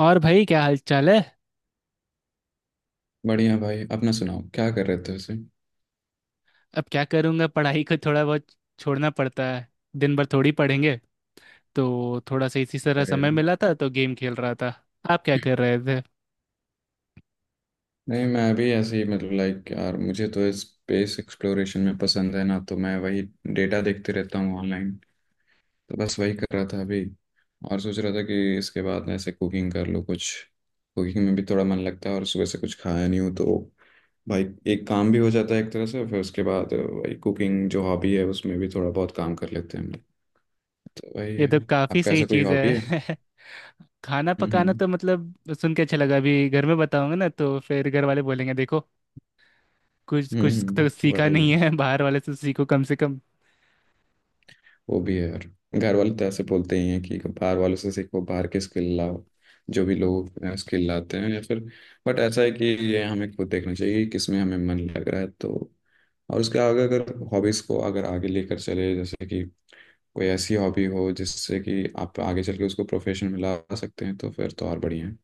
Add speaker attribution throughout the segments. Speaker 1: और भाई क्या हाल चाल है।
Speaker 2: बढ़िया भाई, अपना सुनाओ, क्या कर रहे थे उसे।
Speaker 1: अब क्या करूँगा, पढ़ाई को थोड़ा बहुत छोड़ना पड़ता है। दिन भर थोड़ी पढ़ेंगे, तो थोड़ा सा इसी तरह
Speaker 2: बढ़िया।
Speaker 1: समय मिला था तो गेम खेल रहा था। आप क्या कर रहे थे?
Speaker 2: नहीं, मैं अभी ऐसे ही मतलब लाइक यार, मुझे तो स्पेस एक्सप्लोरेशन में पसंद है ना, तो मैं वही डेटा देखते रहता हूँ ऑनलाइन। तो बस वही कर रहा था अभी। और सोच रहा था कि इसके बाद ऐसे कुकिंग कर लो कुछ। कुकिंग में भी थोड़ा मन लगता है और सुबह से कुछ खाया नहीं हूँ तो भाई एक काम भी हो जाता है एक तरह से। फिर उसके बाद वही कुकिंग जो हॉबी है उसमें भी थोड़ा बहुत काम कर लेते हैं हम लोग। तो वही
Speaker 1: ये
Speaker 2: है।
Speaker 1: तो काफ़ी
Speaker 2: आपका
Speaker 1: सही
Speaker 2: ऐसा कोई
Speaker 1: चीज़
Speaker 2: हॉबी है?
Speaker 1: है। खाना पकाना
Speaker 2: हम्म।
Speaker 1: तो मतलब सुन के अच्छा लगा, अभी घर में बताऊंगा ना तो फिर घर वाले बोलेंगे देखो कुछ
Speaker 2: हम्म
Speaker 1: कुछ तो
Speaker 2: हम्म,
Speaker 1: सीखा
Speaker 2: वही है।
Speaker 1: नहीं है, बाहर वाले से सीखो कम से कम।
Speaker 2: वो भी है यार। घर वाले तो ऐसे बोलते ही हैं कि बाहर वालों से सीखो, बाहर के स्किल लाओ। जो भी लोग स्किल लाते हैं या फिर बट ऐसा है कि ये हमें खुद देखना चाहिए कि किस में हमें मन लग रहा है। तो और उसके आगे अगर हॉबीज़ को अगर आगे लेकर चले जैसे कि कोई ऐसी हॉबी हो जिससे कि आप आगे चल के उसको प्रोफेशन में ला सकते हैं तो फिर तो और बढ़िया है।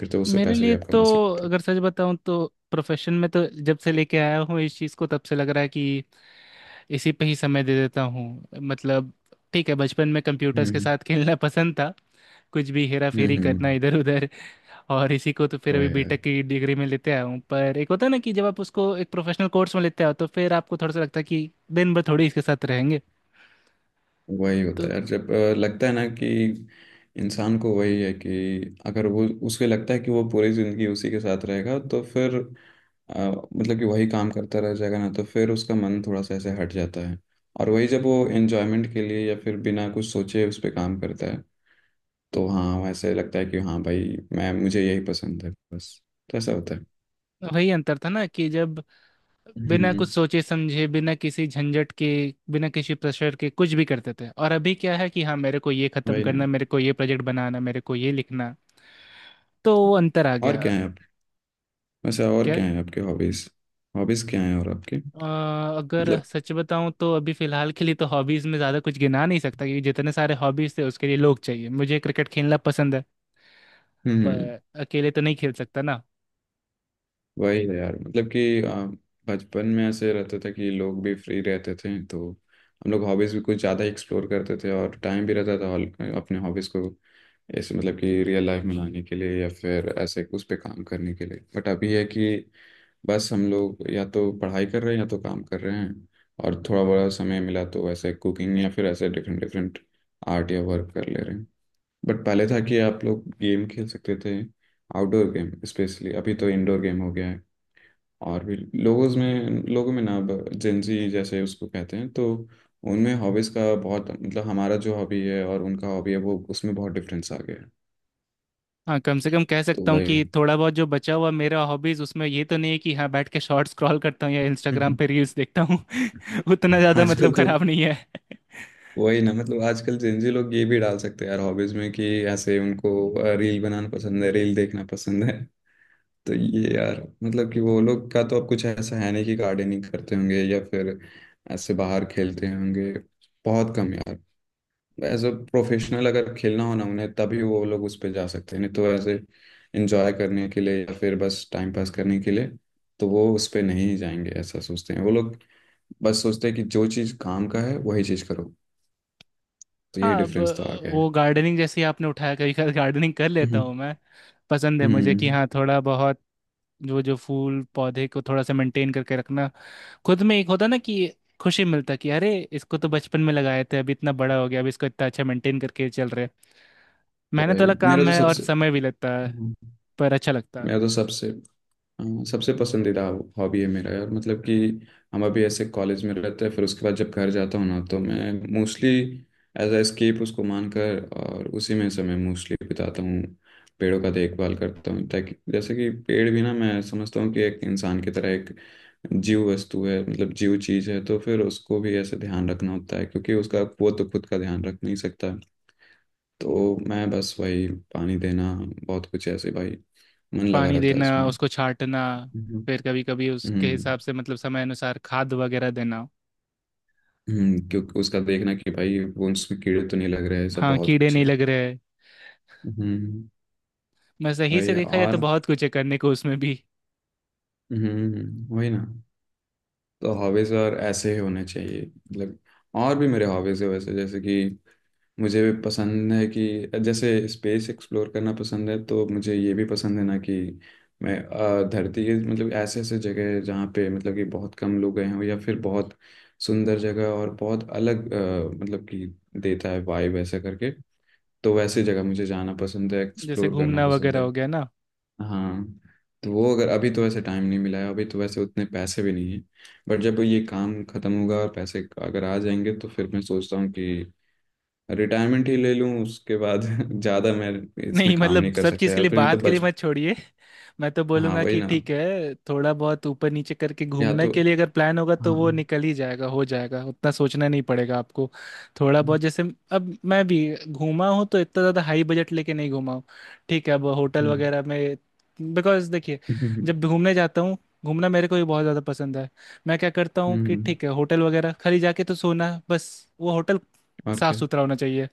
Speaker 2: फिर तो उससे
Speaker 1: मेरे
Speaker 2: पैसे भी
Speaker 1: लिए
Speaker 2: आप
Speaker 1: तो,
Speaker 2: कमा सकते हो।
Speaker 1: अगर सच बताऊं तो, प्रोफेशन में तो जब से लेके आया हूँ इस चीज़ को तब से लग रहा है कि इसी पे ही समय दे देता हूँ। मतलब ठीक है, बचपन में कंप्यूटर्स के
Speaker 2: हम्म
Speaker 1: साथ खेलना पसंद था, कुछ भी हेरा
Speaker 2: हम्म
Speaker 1: फेरी करना
Speaker 2: हम्म
Speaker 1: इधर उधर। और इसी को तो फिर
Speaker 2: वही
Speaker 1: अभी
Speaker 2: है।
Speaker 1: बीटेक की डिग्री में लेते आया हूँ, पर एक होता है ना कि जब आप उसको एक प्रोफेशनल कोर्स में लेते आओ तो फिर आपको थोड़ा सा लगता है कि दिन भर थोड़ी इसके साथ रहेंगे।
Speaker 2: वही होता
Speaker 1: तो
Speaker 2: है यार। जब लगता है ना कि इंसान को वही है कि अगर वो उसे लगता है कि वो पूरी जिंदगी उसी के साथ रहेगा तो फिर अ, मतलब कि वही काम करता रह जाएगा ना तो फिर उसका मन थोड़ा सा ऐसे हट जाता है। और वही जब वो एन्जॉयमेंट के लिए या फिर बिना कुछ सोचे उस पर काम करता है तो हाँ वैसे लगता है कि हाँ भाई मैं मुझे यही पसंद है बस। तो ऐसा होता है।
Speaker 1: वही अंतर था ना कि जब बिना कुछ
Speaker 2: हम्म,
Speaker 1: सोचे समझे, बिना किसी झंझट के, बिना किसी प्रेशर के कुछ भी करते थे, और अभी क्या है कि हाँ मेरे को ये खत्म
Speaker 2: वही ना।
Speaker 1: करना, मेरे को ये प्रोजेक्ट बनाना, मेरे को ये लिखना, तो वो अंतर आ
Speaker 2: और
Speaker 1: गया।
Speaker 2: क्या है आप, वैसे और क्या है आपके हॉबीज, हॉबीज क्या है और आपके?
Speaker 1: अ, अगर
Speaker 2: मतलब।
Speaker 1: सच बताऊं तो अभी फिलहाल के लिए तो हॉबीज में ज़्यादा कुछ गिना नहीं सकता, क्योंकि जितने सारे हॉबीज थे उसके लिए लोग चाहिए। मुझे क्रिकेट खेलना पसंद है,
Speaker 2: हम्म।
Speaker 1: पर अकेले तो नहीं खेल सकता ना।
Speaker 2: वही है यार। मतलब कि बचपन में ऐसे रहता था कि लोग भी फ्री रहते थे तो हम लोग हॉबीज़ भी कुछ ज़्यादा एक्सप्लोर करते थे और टाइम भी रहता था अपने हॉबीज़ को ऐसे मतलब कि रियल लाइफ में लाने के लिए या फिर ऐसे उस पे काम करने के लिए। बट अभी है कि बस हम लोग या तो पढ़ाई कर रहे हैं या तो काम कर रहे हैं। और थोड़ा बड़ा समय मिला तो ऐसे कुकिंग या फिर ऐसे डिफरेंट डिफरेंट आर्ट या वर्क कर ले रहे हैं। बट पहले था कि आप लोग गेम खेल सकते थे, आउटडोर गेम स्पेशली। अभी तो इंडोर गेम हो गया है। और भी लोगों में ना अब जेंजी जैसे उसको कहते हैं, तो उनमें हॉबीज़ का बहुत मतलब हमारा जो हॉबी है और उनका हॉबी है वो उसमें बहुत डिफरेंस आ गया है।
Speaker 1: हाँ, कम से कम कह
Speaker 2: तो
Speaker 1: सकता हूँ
Speaker 2: वही।
Speaker 1: कि थोड़ा बहुत जो बचा हुआ मेरा हॉबीज उसमें ये तो नहीं है कि हाँ बैठ के शॉर्ट स्क्रॉल करता हूँ या इंस्टाग्राम पे रील्स देखता हूँ। उतना ज़्यादा मतलब
Speaker 2: आजकल तो
Speaker 1: खराब नहीं है।
Speaker 2: वही ना। मतलब आजकल जेंजी लोग ये भी डाल सकते हैं यार हॉबीज़ में कि ऐसे उनको रील बनाना पसंद है, रील देखना पसंद है। तो ये यार मतलब कि वो लोग का तो अब कुछ ऐसा है नहीं कि गार्डनिंग करते होंगे या फिर ऐसे बाहर खेलते होंगे। बहुत कम यार। एज अ प्रोफेशनल अगर खेलना हो ना उन्हें तभी वो लोग उस पे जा सकते हैं। नहीं तो ऐसे एंजॉय करने के लिए या फिर बस टाइम पास करने के लिए तो वो उस पे नहीं जाएंगे, ऐसा सोचते हैं वो लोग। बस सोचते हैं कि जो चीज़ काम का है वही चीज़ करो। तो यही
Speaker 1: हाँ अब,
Speaker 2: डिफरेंस तो आ गया है।
Speaker 1: वो गार्डनिंग जैसे ही आपने उठाया, कभी कभी गार्डनिंग कर लेता
Speaker 2: हम्म
Speaker 1: हूँ मैं। पसंद है मुझे कि
Speaker 2: हम्म,
Speaker 1: हाँ थोड़ा बहुत, जो जो फूल पौधे को थोड़ा सा मेंटेन करके रखना, खुद में एक होता ना कि खुशी मिलता कि अरे इसको तो बचपन में लगाए थे, अभी इतना बड़ा हो गया, अब इसको इतना अच्छा मेंटेन करके चल रहे हैं। मेहनत
Speaker 2: भाई
Speaker 1: वाला
Speaker 2: मेरा
Speaker 1: काम
Speaker 2: तो
Speaker 1: है और
Speaker 2: सबसे,
Speaker 1: समय भी लगता है,
Speaker 2: हम्म,
Speaker 1: पर अच्छा लगता है।
Speaker 2: मेरा तो सबसे हाँ, सबसे पसंदीदा हॉबी है मेरा यार। मतलब कि हम अभी ऐसे कॉलेज में रहते हैं, फिर उसके बाद जब घर जाता हूँ ना तो मैं मोस्टली एज अ एस्केप उसको मानकर और उसी में समय मोस्टली बिताता हूँ। पेड़ों का देखभाल करता हूँ, ताकि जैसे कि पेड़ भी ना मैं समझता हूँ कि एक इंसान की तरह एक जीव वस्तु है, मतलब जीव चीज है, तो फिर उसको भी ऐसे ध्यान रखना होता है क्योंकि उसका वो तो खुद का ध्यान रख नहीं सकता। तो मैं बस वही पानी देना, बहुत कुछ ऐसे भाई, मन लगा
Speaker 1: पानी
Speaker 2: रहता है
Speaker 1: देना,
Speaker 2: उसमें।
Speaker 1: उसको छाटना, फिर कभी कभी उसके
Speaker 2: हम्म
Speaker 1: हिसाब से मतलब समय अनुसार खाद वगैरह देना।
Speaker 2: हम्म, क्योंकि उसका देखना कि भाई वो उसमें कीड़े तो नहीं लग रहे हैं, सब
Speaker 1: हाँ,
Speaker 2: बहुत
Speaker 1: कीड़े
Speaker 2: कुछ
Speaker 1: नहीं
Speaker 2: है।
Speaker 1: लग रहे।
Speaker 2: हम्म,
Speaker 1: मैं सही से
Speaker 2: वही।
Speaker 1: देखा जाए तो
Speaker 2: और
Speaker 1: बहुत कुछ है करने को उसमें भी।
Speaker 2: हम्म, वही ना। तो हॉबीज और ऐसे ही होने चाहिए मतलब। और भी मेरे हॉबीज है वैसे, जैसे कि मुझे भी पसंद है कि जैसे स्पेस एक्सप्लोर करना पसंद है, तो मुझे ये भी पसंद है ना कि मैं धरती के मतलब ऐसे ऐसे जगह है जहाँ पे मतलब कि बहुत कम लोग गए हों या फिर बहुत सुंदर जगह और बहुत अलग मतलब कि देता है वाइब ऐसा करके। तो वैसे जगह मुझे जाना पसंद है,
Speaker 1: जैसे
Speaker 2: एक्सप्लोर करना
Speaker 1: घूमना
Speaker 2: पसंद
Speaker 1: वगैरह
Speaker 2: है।
Speaker 1: हो गया ना।
Speaker 2: हाँ। तो वो अगर अभी तो वैसे टाइम नहीं मिला है, अभी तो वैसे उतने पैसे भी नहीं है। बट जब ये काम खत्म होगा और पैसे अगर आ जाएंगे तो फिर मैं सोचता हूँ कि रिटायरमेंट ही ले लूँ उसके बाद। ज़्यादा मैं इसमें
Speaker 1: नहीं
Speaker 2: काम
Speaker 1: मतलब
Speaker 2: नहीं कर
Speaker 1: सब
Speaker 2: सकता
Speaker 1: चीज़ के
Speaker 2: यार
Speaker 1: लिए
Speaker 2: फिर, नहीं तो
Speaker 1: बात के लिए
Speaker 2: बच।
Speaker 1: मत छोड़िए। मैं तो
Speaker 2: हाँ,
Speaker 1: बोलूंगा
Speaker 2: वही
Speaker 1: कि
Speaker 2: ना।
Speaker 1: ठीक है, थोड़ा बहुत ऊपर नीचे करके
Speaker 2: या
Speaker 1: घूमने
Speaker 2: तो
Speaker 1: के लिए अगर प्लान होगा
Speaker 2: हाँ।
Speaker 1: तो वो
Speaker 2: हम्म।
Speaker 1: निकल ही जाएगा, हो जाएगा, उतना सोचना नहीं पड़ेगा आपको। थोड़ा बहुत जैसे, अब मैं भी घूमा हूँ तो इतना ज़्यादा हाई बजट लेके नहीं घूमा हूँ। ठीक है, अब होटल वगैरह में, बिकॉज देखिए,
Speaker 2: हम्म,
Speaker 1: जब घूमने जाता हूँ, घूमना मेरे को भी बहुत ज़्यादा पसंद है। मैं क्या करता हूँ
Speaker 2: हम्म,
Speaker 1: कि
Speaker 2: हम्म,
Speaker 1: ठीक है होटल वगैरह खाली जाके तो सोना बस। वो होटल
Speaker 2: और
Speaker 1: साफ
Speaker 2: क्या।
Speaker 1: सुथरा होना चाहिए,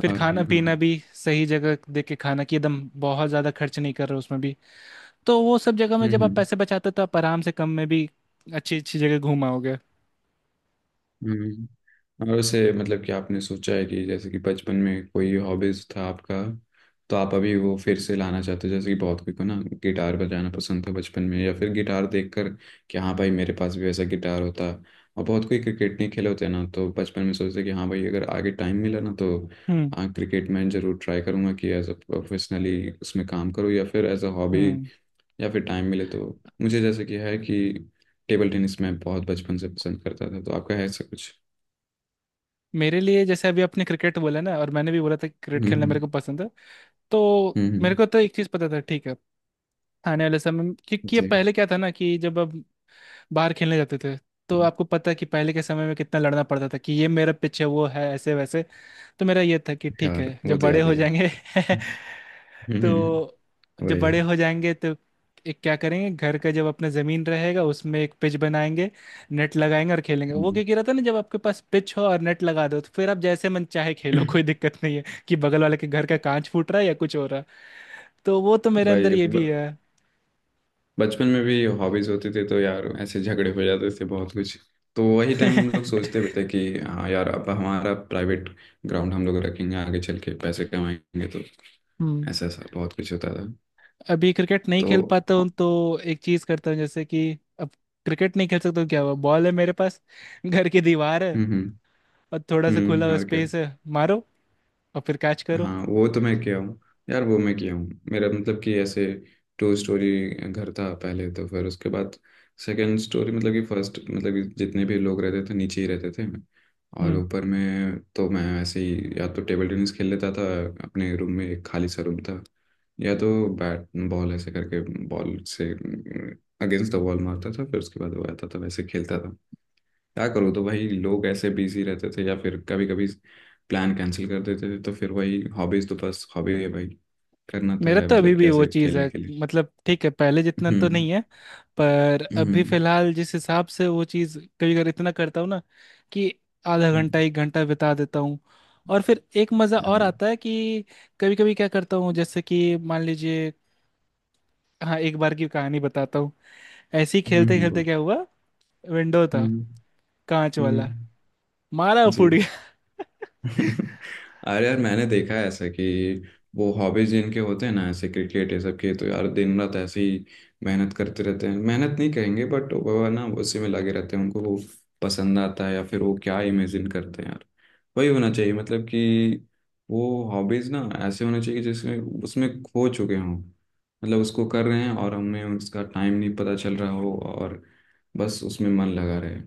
Speaker 1: फिर
Speaker 2: और क्या?
Speaker 1: खाना पीना
Speaker 2: हाँ।
Speaker 1: भी सही जगह देख के खाना कि एकदम बहुत ज़्यादा खर्च नहीं कर रहे हो उसमें भी। तो वो सब जगह में जब
Speaker 2: हम्म
Speaker 1: आप
Speaker 2: हम्म
Speaker 1: पैसे बचाते हो तो आप आराम से कम में भी अच्छी अच्छी जगह घूम आओगे।
Speaker 2: हम्म। और वैसे मतलब कि आपने सोचा है कि जैसे कि बचपन में कोई हॉबीज था आपका तो आप अभी वो फिर से लाना चाहते हो? जैसे कि बहुत कोई को ना गिटार बजाना पसंद था बचपन में या फिर गिटार देखकर कि हाँ भाई मेरे पास भी वैसा गिटार होता। और बहुत कोई क्रिकेट नहीं खेले होते हैं ना, तो बचपन में सोचते कि हाँ भाई अगर आगे टाइम मिला ना तो
Speaker 1: हम्म
Speaker 2: हाँ क्रिकेट में जरूर ट्राई करूँगा कि एज अ प्रोफेशनली उसमें काम करूँ या फिर एज अ हॉबी,
Speaker 1: हम्म
Speaker 2: या फिर टाइम मिले तो। मुझे जैसे कि है कि टेबल टेनिस मैं बहुत बचपन से पसंद करता था, तो आपका है ऐसा कुछ?
Speaker 1: मेरे लिए जैसे अभी आपने क्रिकेट बोला ना, और मैंने भी बोला था कि क्रिकेट खेलना मेरे
Speaker 2: हम्म
Speaker 1: को पसंद है, तो
Speaker 2: हम्म
Speaker 1: मेरे
Speaker 2: हम्म,
Speaker 1: को तो एक चीज़ पता था। ठीक है, आने वाले समय में- क्योंकि ये
Speaker 2: जी।
Speaker 1: पहले क्या था ना कि जब अब बाहर खेलने जाते थे, तो आपको पता है कि पहले के समय में कितना लड़ना पड़ता था कि ये मेरा पिच है वो है ऐसे वैसे। तो मेरा ये था कि ठीक
Speaker 2: यार
Speaker 1: है
Speaker 2: वो
Speaker 1: जब
Speaker 2: तो
Speaker 1: बड़े
Speaker 2: याद
Speaker 1: हो
Speaker 2: ही है।
Speaker 1: जाएंगे।
Speaker 2: हम्म,
Speaker 1: तो जब
Speaker 2: वही है।
Speaker 1: बड़े हो जाएंगे तो एक क्या करेंगे, घर का जब अपना ज़मीन रहेगा उसमें एक पिच बनाएंगे, नेट लगाएंगे और खेलेंगे। वो
Speaker 2: हम्म,
Speaker 1: क्या कह रहा था ना, जब आपके पास पिच हो और नेट लगा दो तो फिर आप जैसे मन चाहे खेलो, कोई दिक्कत नहीं है कि बगल वाले के घर का कांच फूट रहा है या कुछ हो रहा है। तो वो तो मेरे
Speaker 2: वही
Speaker 1: अंदर
Speaker 2: है।
Speaker 1: ये भी है।
Speaker 2: बचपन में भी हॉबीज होती थी तो यार ऐसे झगड़े हो जाते थे बहुत कुछ। तो वही
Speaker 1: हम्म
Speaker 2: टाइम हम लोग सोचते भी थे कि हाँ यार अब हमारा प्राइवेट ग्राउंड हम लोग रखेंगे आगे चल के, पैसे कमाएंगे तो ऐसा ऐसा बहुत कुछ होता था।
Speaker 1: अभी क्रिकेट नहीं खेल
Speaker 2: तो
Speaker 1: पाता हूँ तो एक चीज करता हूँ जैसे कि अब क्रिकेट नहीं खेल सकता हूँ, क्या हुआ, बॉल है मेरे पास घर की दीवार है
Speaker 2: हम्म,
Speaker 1: और थोड़ा सा खुला हुआ
Speaker 2: और क्या।
Speaker 1: स्पेस है। मारो और फिर कैच करो।
Speaker 2: हाँ वो तो मैं किया हूँ। यार वो मैं किया हूँ, मेरा मतलब कि ऐसे टू स्टोरी घर था पहले, तो फिर उसके बाद सेकंड स्टोरी मतलब कि फर्स्ट मतलब कि जितने भी लोग रहते थे नीचे ही रहते थे। और
Speaker 1: हम्म
Speaker 2: ऊपर में तो मैं ऐसे ही या तो टेबल टेनिस खेल लेता था अपने रूम में, एक खाली सा रूम था, या तो बैट बॉल ऐसे करके बॉल से अगेंस्ट द वॉल मारता था, फिर उसके बाद वो आता था वैसे खेलता था। क्या करो, तो भाई लोग ऐसे बिजी रहते थे या फिर कभी कभी प्लान कैंसिल कर देते थे, तो फिर वही हॉबीज तो बस हॉबी है भाई, करना तो
Speaker 1: मेरा
Speaker 2: है
Speaker 1: तो अभी
Speaker 2: मतलब कि
Speaker 1: भी वो
Speaker 2: ऐसे
Speaker 1: चीज
Speaker 2: खेलने
Speaker 1: है,
Speaker 2: के लिए।
Speaker 1: मतलब ठीक है पहले जितना तो
Speaker 2: हम्म,
Speaker 1: नहीं है, पर अभी
Speaker 2: हम्म,
Speaker 1: फिलहाल जिस हिसाब से वो चीज कभी कभी इतना करता हूँ ना कि आधा घंटा 1 घंटा बिता देता हूँ, और फिर एक मजा और
Speaker 2: हम्म,
Speaker 1: आता है कि कभी कभी क्या करता हूँ जैसे कि मान लीजिए, हाँ एक बार की कहानी बताता हूँ। ऐसे ही खेलते खेलते
Speaker 2: बोल।
Speaker 1: क्या हुआ, विंडो था
Speaker 2: हम्म,
Speaker 1: कांच वाला,
Speaker 2: हम्म,
Speaker 1: मारा और फूट
Speaker 2: जी।
Speaker 1: गया।
Speaker 2: अरे यार मैंने देखा है ऐसा कि वो हॉबीज जिनके होते हैं ना ऐसे क्रिकेट ये सब के, तो यार दिन रात ऐसे ही मेहनत करते रहते हैं, मेहनत नहीं कहेंगे बट वो ना उसी में लगे रहते हैं, उनको वो पसंद आता है या फिर वो क्या इमेजिन करते हैं वही होना चाहिए। मतलब कि वो हॉबीज ना ऐसे होने चाहिए कि जिसमें उसमें खो चुके हों, मतलब उसको कर रहे हैं और हमें उसका टाइम नहीं पता चल रहा हो और बस उसमें मन लगा रहे।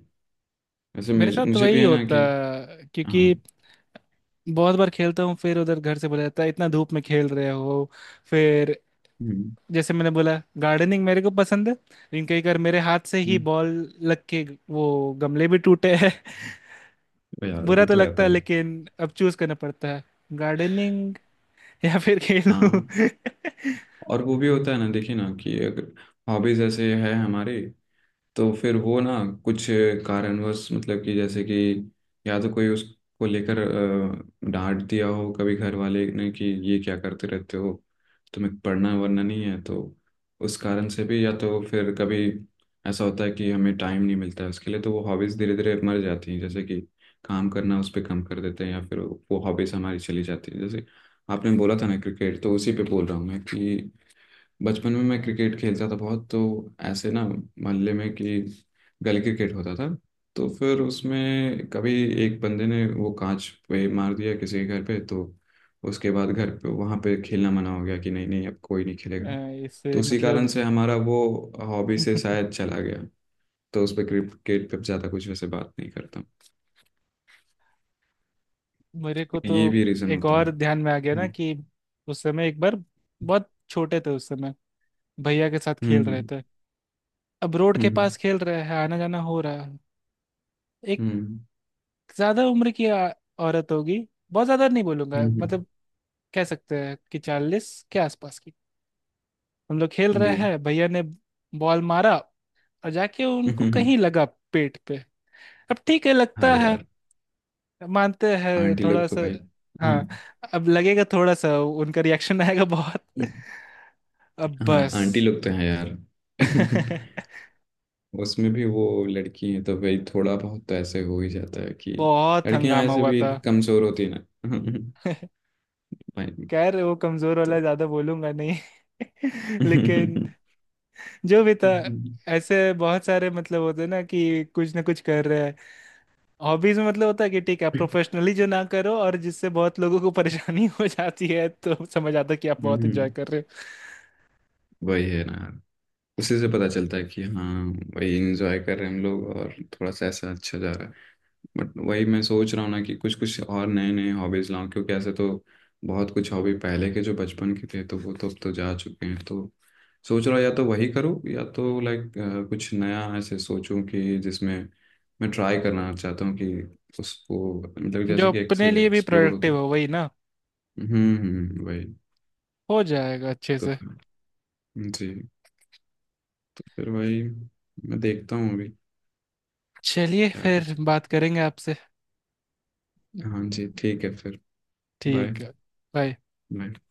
Speaker 2: वैसे
Speaker 1: मेरे
Speaker 2: मुझे
Speaker 1: साथ तो
Speaker 2: मुझे भी
Speaker 1: वही
Speaker 2: है ना
Speaker 1: होता
Speaker 2: कि
Speaker 1: है,
Speaker 2: हाँ।
Speaker 1: क्योंकि बहुत बार खेलता हूँ, फिर उधर घर से बोला जाता है इतना धूप में खेल रहे हो। फिर
Speaker 2: हम्म,
Speaker 1: जैसे मैंने बोला, गार्डनिंग मेरे को पसंद है लेकिन कई बार मेरे हाथ से ही
Speaker 2: हम्म,
Speaker 1: बॉल लग के वो गमले भी टूटे हैं।
Speaker 2: वो यार वो
Speaker 1: बुरा तो
Speaker 2: तो
Speaker 1: लगता
Speaker 2: आता
Speaker 1: है,
Speaker 2: ही।
Speaker 1: लेकिन अब चूज करना पड़ता है, गार्डनिंग या फिर खेलूं।
Speaker 2: हाँ। और वो भी होता है ना, देखिए ना, कि अगर हॉबीज ऐसे है हमारे तो फिर वो ना कुछ कारणवश मतलब कि जैसे कि या तो कोई उसको लेकर डांट दिया हो कभी घर वाले ने कि ये क्या करते रहते हो, तुम्हें पढ़ना वरना नहीं है, तो उस कारण से भी या तो फिर कभी ऐसा होता है कि हमें टाइम नहीं मिलता है उसके लिए, तो वो हॉबीज़ धीरे धीरे मर जाती हैं। जैसे कि काम करना उस पर कम कर देते हैं या फिर वो हॉबीज़ हमारी चली जाती है। जैसे आपने बोला था ना क्रिकेट, तो उसी पे बोल रहा हूँ मैं कि बचपन में मैं क्रिकेट खेलता था बहुत, तो ऐसे ना मोहल्ले में कि गली क्रिकेट होता था, तो फिर उसमें कभी एक बंदे ने वो कांच पे मार दिया किसी के घर पे, तो उसके बाद घर पे वहाँ पे खेलना मना हो गया कि नहीं नहीं अब कोई नहीं खेलेगा। तो
Speaker 1: इससे
Speaker 2: उसी कारण
Speaker 1: मतलब।
Speaker 2: से हमारा वो हॉबी से शायद चला गया। तो उस पर क्रिकेट पे ज़्यादा कुछ वैसे बात नहीं करता।
Speaker 1: मेरे को
Speaker 2: ये
Speaker 1: तो
Speaker 2: भी रीज़न
Speaker 1: एक
Speaker 2: होता है।
Speaker 1: और ध्यान में आ गया ना
Speaker 2: हम्म
Speaker 1: कि उस समय एक बार, बहुत छोटे थे उस समय, भैया के साथ खेल रहे
Speaker 2: हम्म
Speaker 1: थे। अब रोड के
Speaker 2: हम्म
Speaker 1: पास खेल रहे हैं, आना जाना हो रहा है। एक
Speaker 2: हम्म
Speaker 1: ज्यादा उम्र की औरत होगी, बहुत ज्यादा नहीं बोलूंगा
Speaker 2: हम्म,
Speaker 1: मतलब, कह सकते हैं कि 40 के आसपास की। हम लोग खेल रहे
Speaker 2: जी।
Speaker 1: हैं, भैया ने बॉल मारा और जाके उनको कहीं लगा, पेट पे। अब ठीक है लगता
Speaker 2: अरे
Speaker 1: है,
Speaker 2: यार,
Speaker 1: मानते हैं
Speaker 2: आंटी
Speaker 1: थोड़ा
Speaker 2: लोग तो
Speaker 1: सा।
Speaker 2: भाई। हाँ।
Speaker 1: हाँ अब लगेगा थोड़ा सा, उनका रिएक्शन आएगा बहुत। अब
Speaker 2: हाँ
Speaker 1: बस।
Speaker 2: आंटी लोग तो हैं यार। उसमें भी वो लड़की हैं तो भाई थोड़ा बहुत तो ऐसे हो ही जाता है कि
Speaker 1: बहुत
Speaker 2: लड़कियां
Speaker 1: हंगामा
Speaker 2: ऐसे
Speaker 1: हुआ
Speaker 2: भी
Speaker 1: था।
Speaker 2: कमजोर होती है ना। भाई।
Speaker 1: खैर वो कमजोर वाला
Speaker 2: तो
Speaker 1: ज्यादा बोलूंगा नहीं। लेकिन जो भी था,
Speaker 2: हम्म,
Speaker 1: ऐसे बहुत सारे मतलब होते हैं ना कि कुछ ना कुछ कर रहे हैं। हॉबीज में मतलब होता है कि ठीक है आप प्रोफेशनली जो ना करो, और जिससे बहुत लोगों को परेशानी हो जाती है, तो समझ आता है कि आप बहुत इंजॉय कर रहे हो।
Speaker 2: वही है ना यार, उसी से पता चलता है कि हाँ भाई इंजॉय कर रहे हैं हम लोग और थोड़ा सा ऐसा अच्छा जा रहा है। बट वही मैं सोच रहा हूँ ना कि कुछ कुछ और नए नए हॉबीज लाऊं, क्योंकि ऐसे तो बहुत कुछ हॉबी पहले के जो बचपन के थे तो वो तो अब तो जा चुके हैं, तो सोच रहा हूँ या तो वही करूँ या तो लाइक कुछ नया ऐसे सोचूं कि जिसमें मैं ट्राई करना चाहता हूँ कि उसको मतलब जैसे
Speaker 1: जो
Speaker 2: कि एक
Speaker 1: अपने
Speaker 2: से
Speaker 1: लिए भी
Speaker 2: एक्सप्लोर होता है।
Speaker 1: प्रोडक्टिव हो वही ना।
Speaker 2: हम्म, वही।
Speaker 1: हो जाएगा अच्छे
Speaker 2: तो
Speaker 1: से।
Speaker 2: फिर जी, तो फिर वही मैं देखता हूँ अभी
Speaker 1: चलिए
Speaker 2: क्या कर
Speaker 1: फिर
Speaker 2: सकता
Speaker 1: बात करेंगे आपसे।
Speaker 2: हूँ। हाँ जी ठीक है फिर। बाय।
Speaker 1: ठीक है। बाय।
Speaker 2: बाय।